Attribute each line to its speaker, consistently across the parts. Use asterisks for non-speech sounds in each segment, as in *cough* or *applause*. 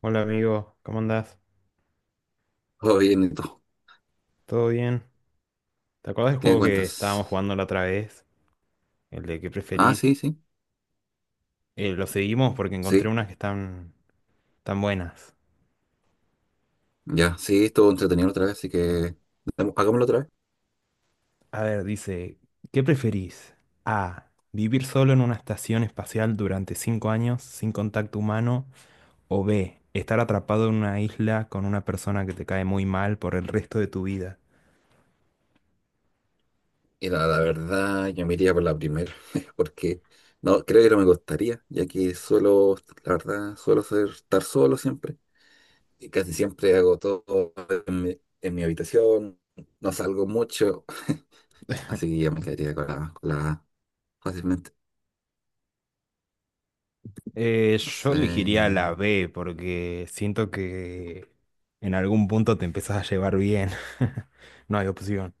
Speaker 1: Hola amigo, ¿cómo andás?
Speaker 2: Todo bien, ¿y tú?
Speaker 1: ¿Todo bien? ¿Te acuerdas del
Speaker 2: ¿Qué me
Speaker 1: juego que
Speaker 2: cuentas?
Speaker 1: estábamos jugando la otra vez? El de qué
Speaker 2: Ah,
Speaker 1: preferís.
Speaker 2: sí, sí,
Speaker 1: Lo seguimos porque encontré
Speaker 2: sí,
Speaker 1: unas que están tan buenas.
Speaker 2: ya, sí, estuvo entretenido otra vez, así que hagámoslo otra vez.
Speaker 1: A ver, dice, ¿qué preferís? A. Vivir solo en una estación espacial durante 5 años sin contacto humano. O B. Estar atrapado en una isla con una persona que te cae muy mal por el resto de tu vida.
Speaker 2: Y la verdad, yo me iría por la primera, *laughs* porque no, creo que no me gustaría, ya que suelo, la verdad, suelo ser, estar solo siempre, y casi siempre hago todo en mi habitación, no salgo mucho, *laughs* así que yo me quedaría con la A fácilmente. No
Speaker 1: Yo
Speaker 2: sé,
Speaker 1: elegiría la B porque siento que en algún punto te empezás a llevar bien. *laughs* No hay opción.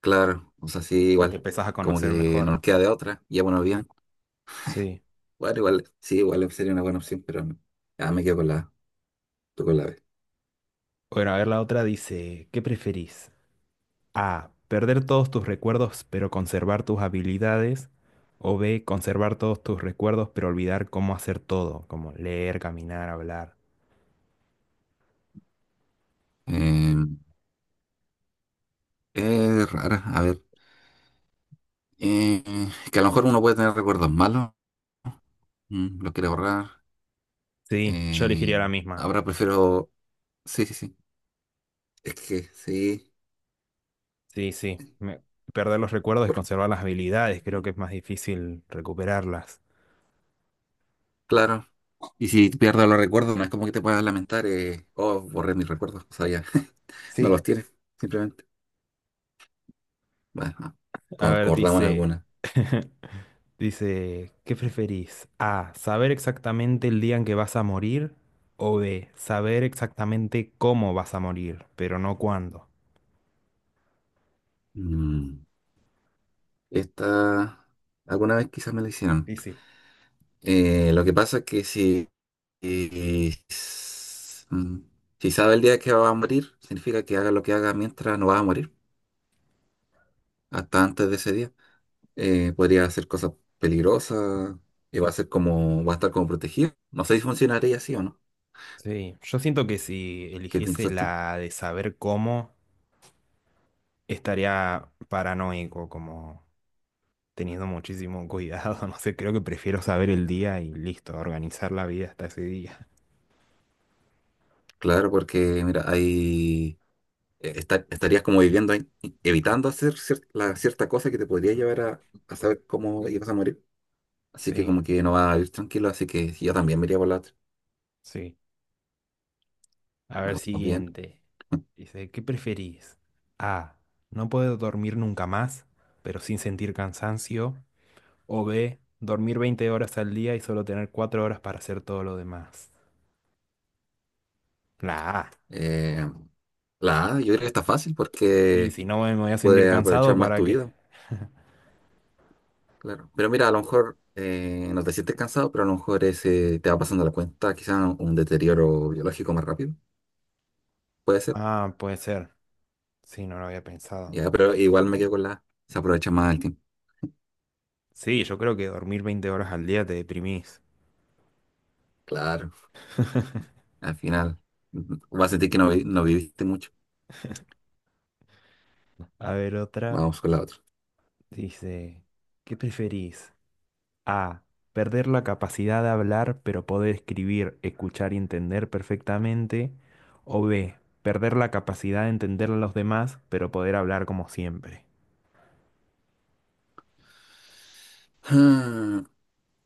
Speaker 2: claro, o sea, sí,
Speaker 1: O te
Speaker 2: igual,
Speaker 1: empezás a
Speaker 2: como
Speaker 1: conocer
Speaker 2: que no
Speaker 1: mejor.
Speaker 2: nos queda de otra, ya bueno, bien.
Speaker 1: Sí.
Speaker 2: Bueno, igual, sí, igual sería una buena opción, pero no. Ah, me quedo con la A, tú con la B.
Speaker 1: Bueno, a ver, la otra dice, ¿qué preferís? A, perder todos tus recuerdos pero conservar tus habilidades. O B, conservar todos tus recuerdos pero olvidar cómo hacer todo, como leer, caminar, hablar.
Speaker 2: Eh, es rara, a ver. eh, que a lo mejor uno puede tener recuerdos malos, lo quiere borrar.
Speaker 1: Sí, yo elegiría
Speaker 2: eh,
Speaker 1: la misma.
Speaker 2: Ahora prefiero. Sí, sí, sí. Es que sí,
Speaker 1: Sí, sí. Me- perder los recuerdos y
Speaker 2: por-
Speaker 1: conservar las habilidades, creo que es más difícil recuperarlas.
Speaker 2: claro. Y si pierdo los recuerdos, no es como que te puedas lamentar, oh, borré mis recuerdos, o sea, ya. *laughs* No los
Speaker 1: Sí.
Speaker 2: tienes, simplemente. Bueno, ah,
Speaker 1: A ver,
Speaker 2: acordamos en
Speaker 1: dice,
Speaker 2: alguna.
Speaker 1: *laughs* dice, ¿qué preferís? A, saber exactamente el día en que vas a morir o B, saber exactamente cómo vas a morir, pero no cuándo.
Speaker 2: Mm, Esta, alguna vez quizás me la hicieron.
Speaker 1: Difícil.
Speaker 2: Lo que pasa es que si, mm, si sabe el día que va a morir, significa que haga lo que haga mientras no va a morir, hasta antes de ese día. Podría hacer cosas peligrosas y va a ser como, va a estar como protegido. No sé si funcionaría así o no.
Speaker 1: Sí, yo siento que si
Speaker 2: ¿Qué
Speaker 1: eligiese
Speaker 2: piensas tú?
Speaker 1: la de saber cómo, estaría paranoico, como teniendo muchísimo cuidado, *laughs* no sé, creo que prefiero saber el día y listo, organizar la vida hasta ese día.
Speaker 2: Claro, porque mira, ahí estarías como viviendo ahí, evitando hacer la cierta cosa que te podría llevar a saber cómo ibas a morir. Así que
Speaker 1: Sí,
Speaker 2: como que no vas a vivir tranquilo, así que yo también me iría por la otra.
Speaker 1: sí. A ver,
Speaker 2: Vamos bien.
Speaker 1: siguiente. Dice, ¿qué preferís? A. No poder dormir nunca más, pero sin sentir cansancio. O B. Dormir 20 horas al día y solo tener 4 horas para hacer todo lo demás. La A.
Speaker 2: Eh, la A, yo creo que está fácil
Speaker 1: Y
Speaker 2: porque
Speaker 1: si no me voy a sentir
Speaker 2: puedes aprovechar
Speaker 1: cansado,
Speaker 2: más
Speaker 1: ¿para
Speaker 2: tu
Speaker 1: qué?
Speaker 2: vida, claro. Pero mira, a lo mejor no te sientes cansado, pero a lo mejor ese te va pasando la cuenta, quizás un deterioro biológico más rápido, puede ser.
Speaker 1: Ah, puede ser. Sí, no lo había pensado.
Speaker 2: Ya, pero igual me quedo con la A, se aprovecha más el tiempo.
Speaker 1: Sí, yo creo que dormir 20 horas al día te deprimís.
Speaker 2: Claro, al final vas a sentir que no, no viviste mucho.
Speaker 1: A ver, otra.
Speaker 2: Vamos con la otra.
Speaker 1: Dice, ¿qué preferís? A. Perder la capacidad de hablar, pero poder escribir, escuchar y entender perfectamente. O B. Perder la capacidad de entender a los demás, pero poder hablar como siempre.
Speaker 2: Ah,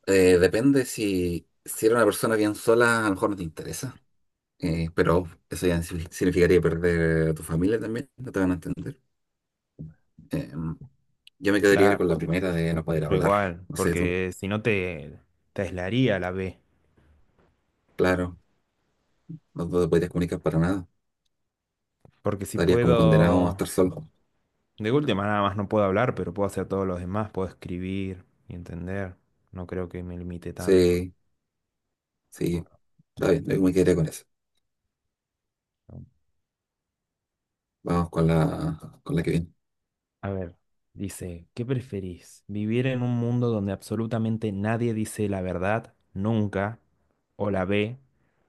Speaker 2: eh, depende si eres una persona bien sola, a lo mejor no te interesa. Pero eso ya significaría perder a tu familia también, no te van a entender. Eh, yo me quedaría
Speaker 1: Claro,
Speaker 2: con la primera de no poder
Speaker 1: yo
Speaker 2: hablar,
Speaker 1: igual,
Speaker 2: no sé tú,
Speaker 1: porque si no te, te aislaría la B.
Speaker 2: claro, no te podrías comunicar para nada,
Speaker 1: Porque si
Speaker 2: estarías como condenado a
Speaker 1: puedo,
Speaker 2: estar solo.
Speaker 1: de última nada más no puedo hablar, pero puedo hacer todos los demás, puedo escribir y entender. No creo que me limite tanto.
Speaker 2: Sí, sí, está bien, yo me quedaría con eso. Vamos con la que viene.
Speaker 1: A ver, dice, ¿qué preferís? ¿Vivir en un mundo donde absolutamente nadie dice la verdad, nunca, o la B?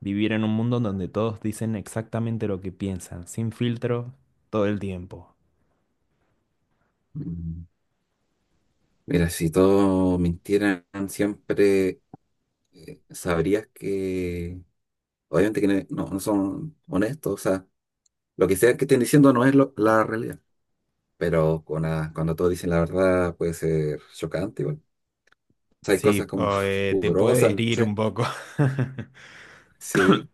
Speaker 1: ¿Vivir en un mundo donde todos dicen exactamente lo que piensan, sin filtro, todo el tiempo?
Speaker 2: Mm, Mira, si todos mintieran siempre, sabrías que obviamente que no, no son honestos, o sea, lo que sea que estén diciendo no es la realidad. Pero con cuando todos dicen la verdad puede ser chocante igual. O sea, hay
Speaker 1: Sí,
Speaker 2: cosas como
Speaker 1: o,
Speaker 2: *laughs*
Speaker 1: te puede
Speaker 2: pudorosas, no
Speaker 1: herir un
Speaker 2: sé.
Speaker 1: poco. *laughs*
Speaker 2: Sí,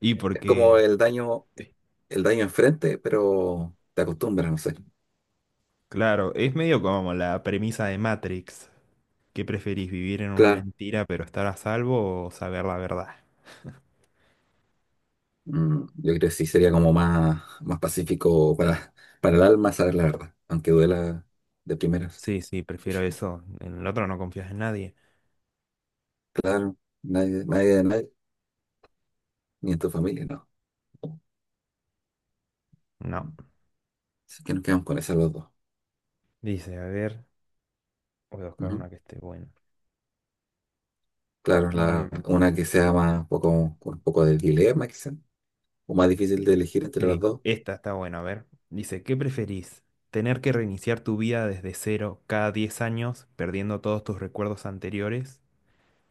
Speaker 1: Y
Speaker 2: es como
Speaker 1: porque, eh,
Speaker 2: el daño enfrente, pero te acostumbras, no sé.
Speaker 1: claro, es medio como la premisa de Matrix. ¿Qué preferís, vivir en una
Speaker 2: Claro,
Speaker 1: mentira pero estar a salvo o saber la verdad?
Speaker 2: Yo creo que sí sería como más, más pacífico para el alma saber la verdad, aunque duela de primeras.
Speaker 1: Sí, sí, prefiero eso. En el otro no confías en nadie.
Speaker 2: Claro, nadie, nadie de nadie, ni en tu familia, no.
Speaker 1: No.
Speaker 2: Así que nos quedamos con esas los dos.
Speaker 1: Dice, a ver, voy a buscar
Speaker 2: Ujú.
Speaker 1: una que esté buena.
Speaker 2: Claro,
Speaker 1: Em,
Speaker 2: una que sea más, poco, con un poco de dilema, quizá. O más difícil de elegir entre las
Speaker 1: sí,
Speaker 2: dos,
Speaker 1: esta está buena, a ver. Dice, ¿qué preferís? ¿Tener que reiniciar tu vida desde cero cada 10 años, perdiendo todos tus recuerdos anteriores?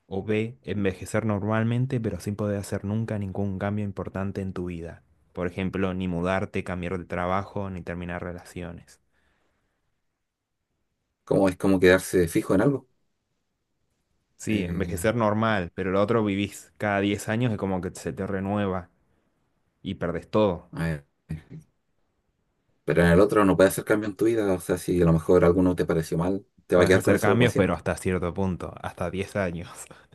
Speaker 1: ¿O B, envejecer normalmente, pero sin poder hacer nunca ningún cambio importante en tu vida? Por ejemplo, ni mudarte, cambiar de trabajo, ni terminar relaciones.
Speaker 2: como es como quedarse fijo en algo.
Speaker 1: Sí,
Speaker 2: Eh,
Speaker 1: envejecer normal, pero lo otro vivís cada 10 años es como que se te renueva y perdés todo.
Speaker 2: a ver, pero en el otro no puedes hacer cambio en tu vida, o sea, si a lo mejor alguno te pareció mal, te va a
Speaker 1: Podés
Speaker 2: quedar con
Speaker 1: hacer
Speaker 2: eso para
Speaker 1: cambios, pero
Speaker 2: siempre.
Speaker 1: hasta cierto punto, hasta 10 años. *laughs*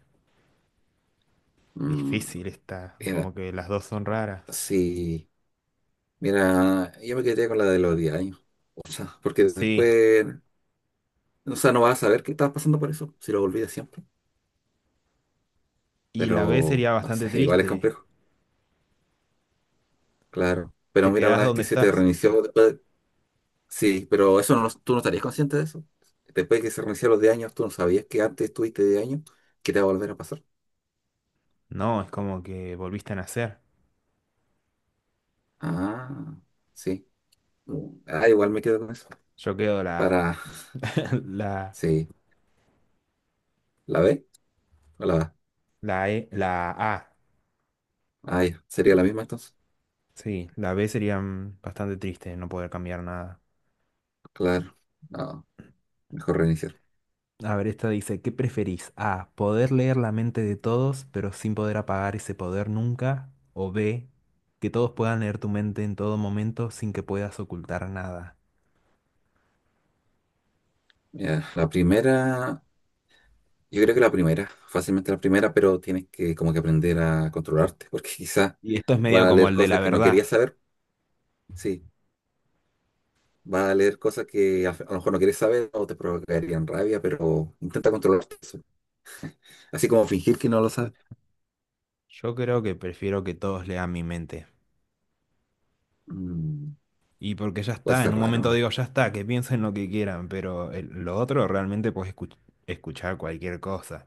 Speaker 2: Mm,
Speaker 1: Difícil está,
Speaker 2: mira,
Speaker 1: como que las dos son raras.
Speaker 2: sí, mira, yo me quedé con la de los 10 años, o sea, porque
Speaker 1: Sí,
Speaker 2: después, o sea, no vas a saber qué estás pasando por eso, si lo olvidas siempre,
Speaker 1: y la B
Speaker 2: pero
Speaker 1: sería
Speaker 2: no
Speaker 1: bastante
Speaker 2: sé, *laughs* igual es
Speaker 1: triste.
Speaker 2: complejo, claro. Pero
Speaker 1: Te
Speaker 2: mira,
Speaker 1: quedás
Speaker 2: una vez que
Speaker 1: donde
Speaker 2: se te
Speaker 1: estás.
Speaker 2: reinició, sí, pero eso no, tú no estarías consciente de eso. Después de que se reiniciaron los de años, tú no sabías que antes estuviste de años, que te va a volver a pasar.
Speaker 1: No, es como que volviste a nacer.
Speaker 2: Ah, sí. Ah, igual me quedo con eso.
Speaker 1: Yo quedo la,
Speaker 2: Para,
Speaker 1: *laughs* la,
Speaker 2: sí, ¿la B o la A?
Speaker 1: la E, la A.
Speaker 2: Ah, ya. ¿Sería la misma entonces?
Speaker 1: Sí, la B sería bastante triste no poder cambiar nada.
Speaker 2: Claro. No, mejor reiniciar.
Speaker 1: A ver, esta dice, ¿qué preferís? A, poder leer la mente de todos, pero sin poder apagar ese poder nunca. O B, que todos puedan leer tu mente en todo momento sin que puedas ocultar nada.
Speaker 2: Ya, la primera, yo creo que la primera, fácilmente la primera, pero tienes que como que aprender a controlarte, porque *laughs* quizá
Speaker 1: Y esto es medio
Speaker 2: va a
Speaker 1: como
Speaker 2: leer
Speaker 1: el de
Speaker 2: cosas
Speaker 1: la
Speaker 2: que no querías
Speaker 1: verdad.
Speaker 2: saber. Sí. Vas a leer cosas que a lo mejor no quieres saber o te provocarían rabia, pero intenta controlar eso. Así como fingir que no lo sabes.
Speaker 1: Yo creo que prefiero que todos lean mi mente.
Speaker 2: Mm,
Speaker 1: Y porque ya
Speaker 2: Puede
Speaker 1: está, en
Speaker 2: ser
Speaker 1: un momento
Speaker 2: raro,
Speaker 1: digo, ya está, que piensen lo que quieran, pero el- lo otro realmente puedes escuch- escuchar cualquier cosa.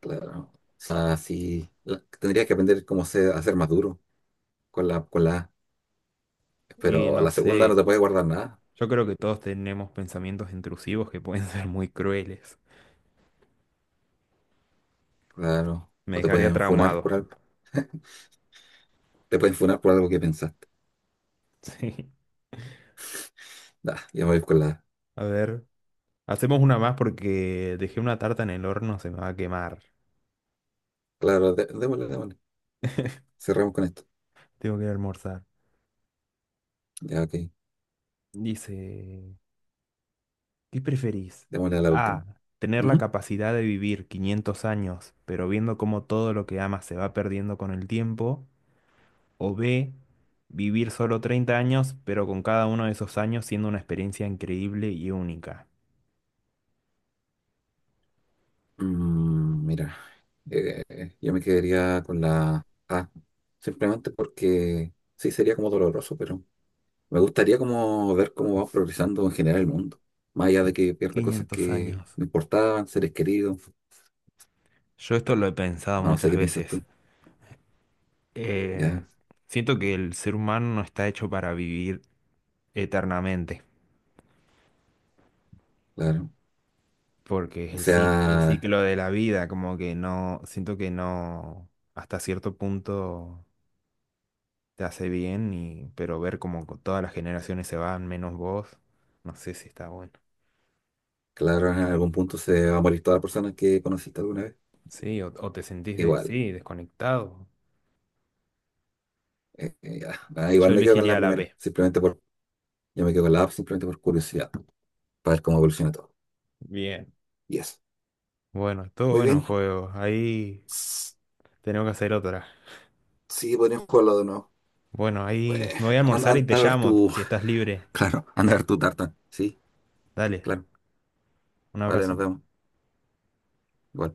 Speaker 2: claro. O sea, sí, tendrías que aprender cómo ser, a ser más duro con la A.
Speaker 1: Y
Speaker 2: Pero a
Speaker 1: no
Speaker 2: la segunda no
Speaker 1: sé,
Speaker 2: te puedes guardar nada,
Speaker 1: yo creo que todos tenemos pensamientos intrusivos que pueden *laughs* ser muy crueles.
Speaker 2: claro.
Speaker 1: Me
Speaker 2: O te
Speaker 1: dejaría
Speaker 2: pueden funar
Speaker 1: traumado.
Speaker 2: por algo. *laughs* Te pueden funar por algo que pensaste.
Speaker 1: Sí.
Speaker 2: Nah, ya voy con la...
Speaker 1: A ver, hacemos una más porque dejé una tarta en el horno, se me va a quemar.
Speaker 2: Claro, démosle, démosle.
Speaker 1: *laughs*
Speaker 2: Cerramos con esto.
Speaker 1: Tengo que ir a almorzar.
Speaker 2: Ya, ok.
Speaker 1: Dice, ¿qué preferís?
Speaker 2: Démosle a la última.
Speaker 1: A, tener la
Speaker 2: Ujú.
Speaker 1: capacidad de vivir 500 años, pero viendo cómo todo lo que amas se va perdiendo con el tiempo. O B, vivir solo 30 años, pero con cada uno de esos años siendo una experiencia increíble y única.
Speaker 2: Mira, yo me quedaría con la A, simplemente porque sí sería como doloroso, pero me gustaría como ver cómo va progresando en general el mundo, más allá de que pierda cosas
Speaker 1: 500
Speaker 2: que
Speaker 1: años.
Speaker 2: me importaban, seres queridos,
Speaker 1: Yo esto lo he pensado
Speaker 2: o no sé
Speaker 1: muchas
Speaker 2: qué piensas
Speaker 1: veces.
Speaker 2: tú,
Speaker 1: Eh,
Speaker 2: ya,
Speaker 1: siento que el ser humano no está hecho para vivir eternamente,
Speaker 2: claro.
Speaker 1: porque es
Speaker 2: O
Speaker 1: el, ci- el
Speaker 2: sea,
Speaker 1: ciclo de la vida, como que no, siento que no, hasta cierto punto te hace bien, y, pero ver como co- todas las generaciones se van, menos vos, no sé si está bueno.
Speaker 2: claro, en algún punto se va a morir toda la persona que conociste alguna vez,
Speaker 1: Sí, o te sentís de,
Speaker 2: igual,
Speaker 1: sí, desconectado.
Speaker 2: ya. Ah,
Speaker 1: Yo
Speaker 2: igual me quedo con la
Speaker 1: elegiría la
Speaker 2: primera,
Speaker 1: B.
Speaker 2: simplemente por, yo me quedo con la A, simplemente por curiosidad, para ver cómo evoluciona todo.
Speaker 1: Bien.
Speaker 2: Y eso.
Speaker 1: Bueno, todo
Speaker 2: Muy
Speaker 1: bueno el
Speaker 2: bien.
Speaker 1: juego. Ahí tenemos que hacer otra.
Speaker 2: Sí, podrían jugarlo de nuevo.
Speaker 1: Bueno, ahí
Speaker 2: Eh,
Speaker 1: me voy a
Speaker 2: anda,
Speaker 1: almorzar y
Speaker 2: anda
Speaker 1: te
Speaker 2: a ver tu,
Speaker 1: llamo si estás libre.
Speaker 2: *laughs* claro, anda a ver tu tarta. Sí,
Speaker 1: Dale.
Speaker 2: claro.
Speaker 1: Un
Speaker 2: Vale, nos
Speaker 1: abrazo.
Speaker 2: vemos. Igual.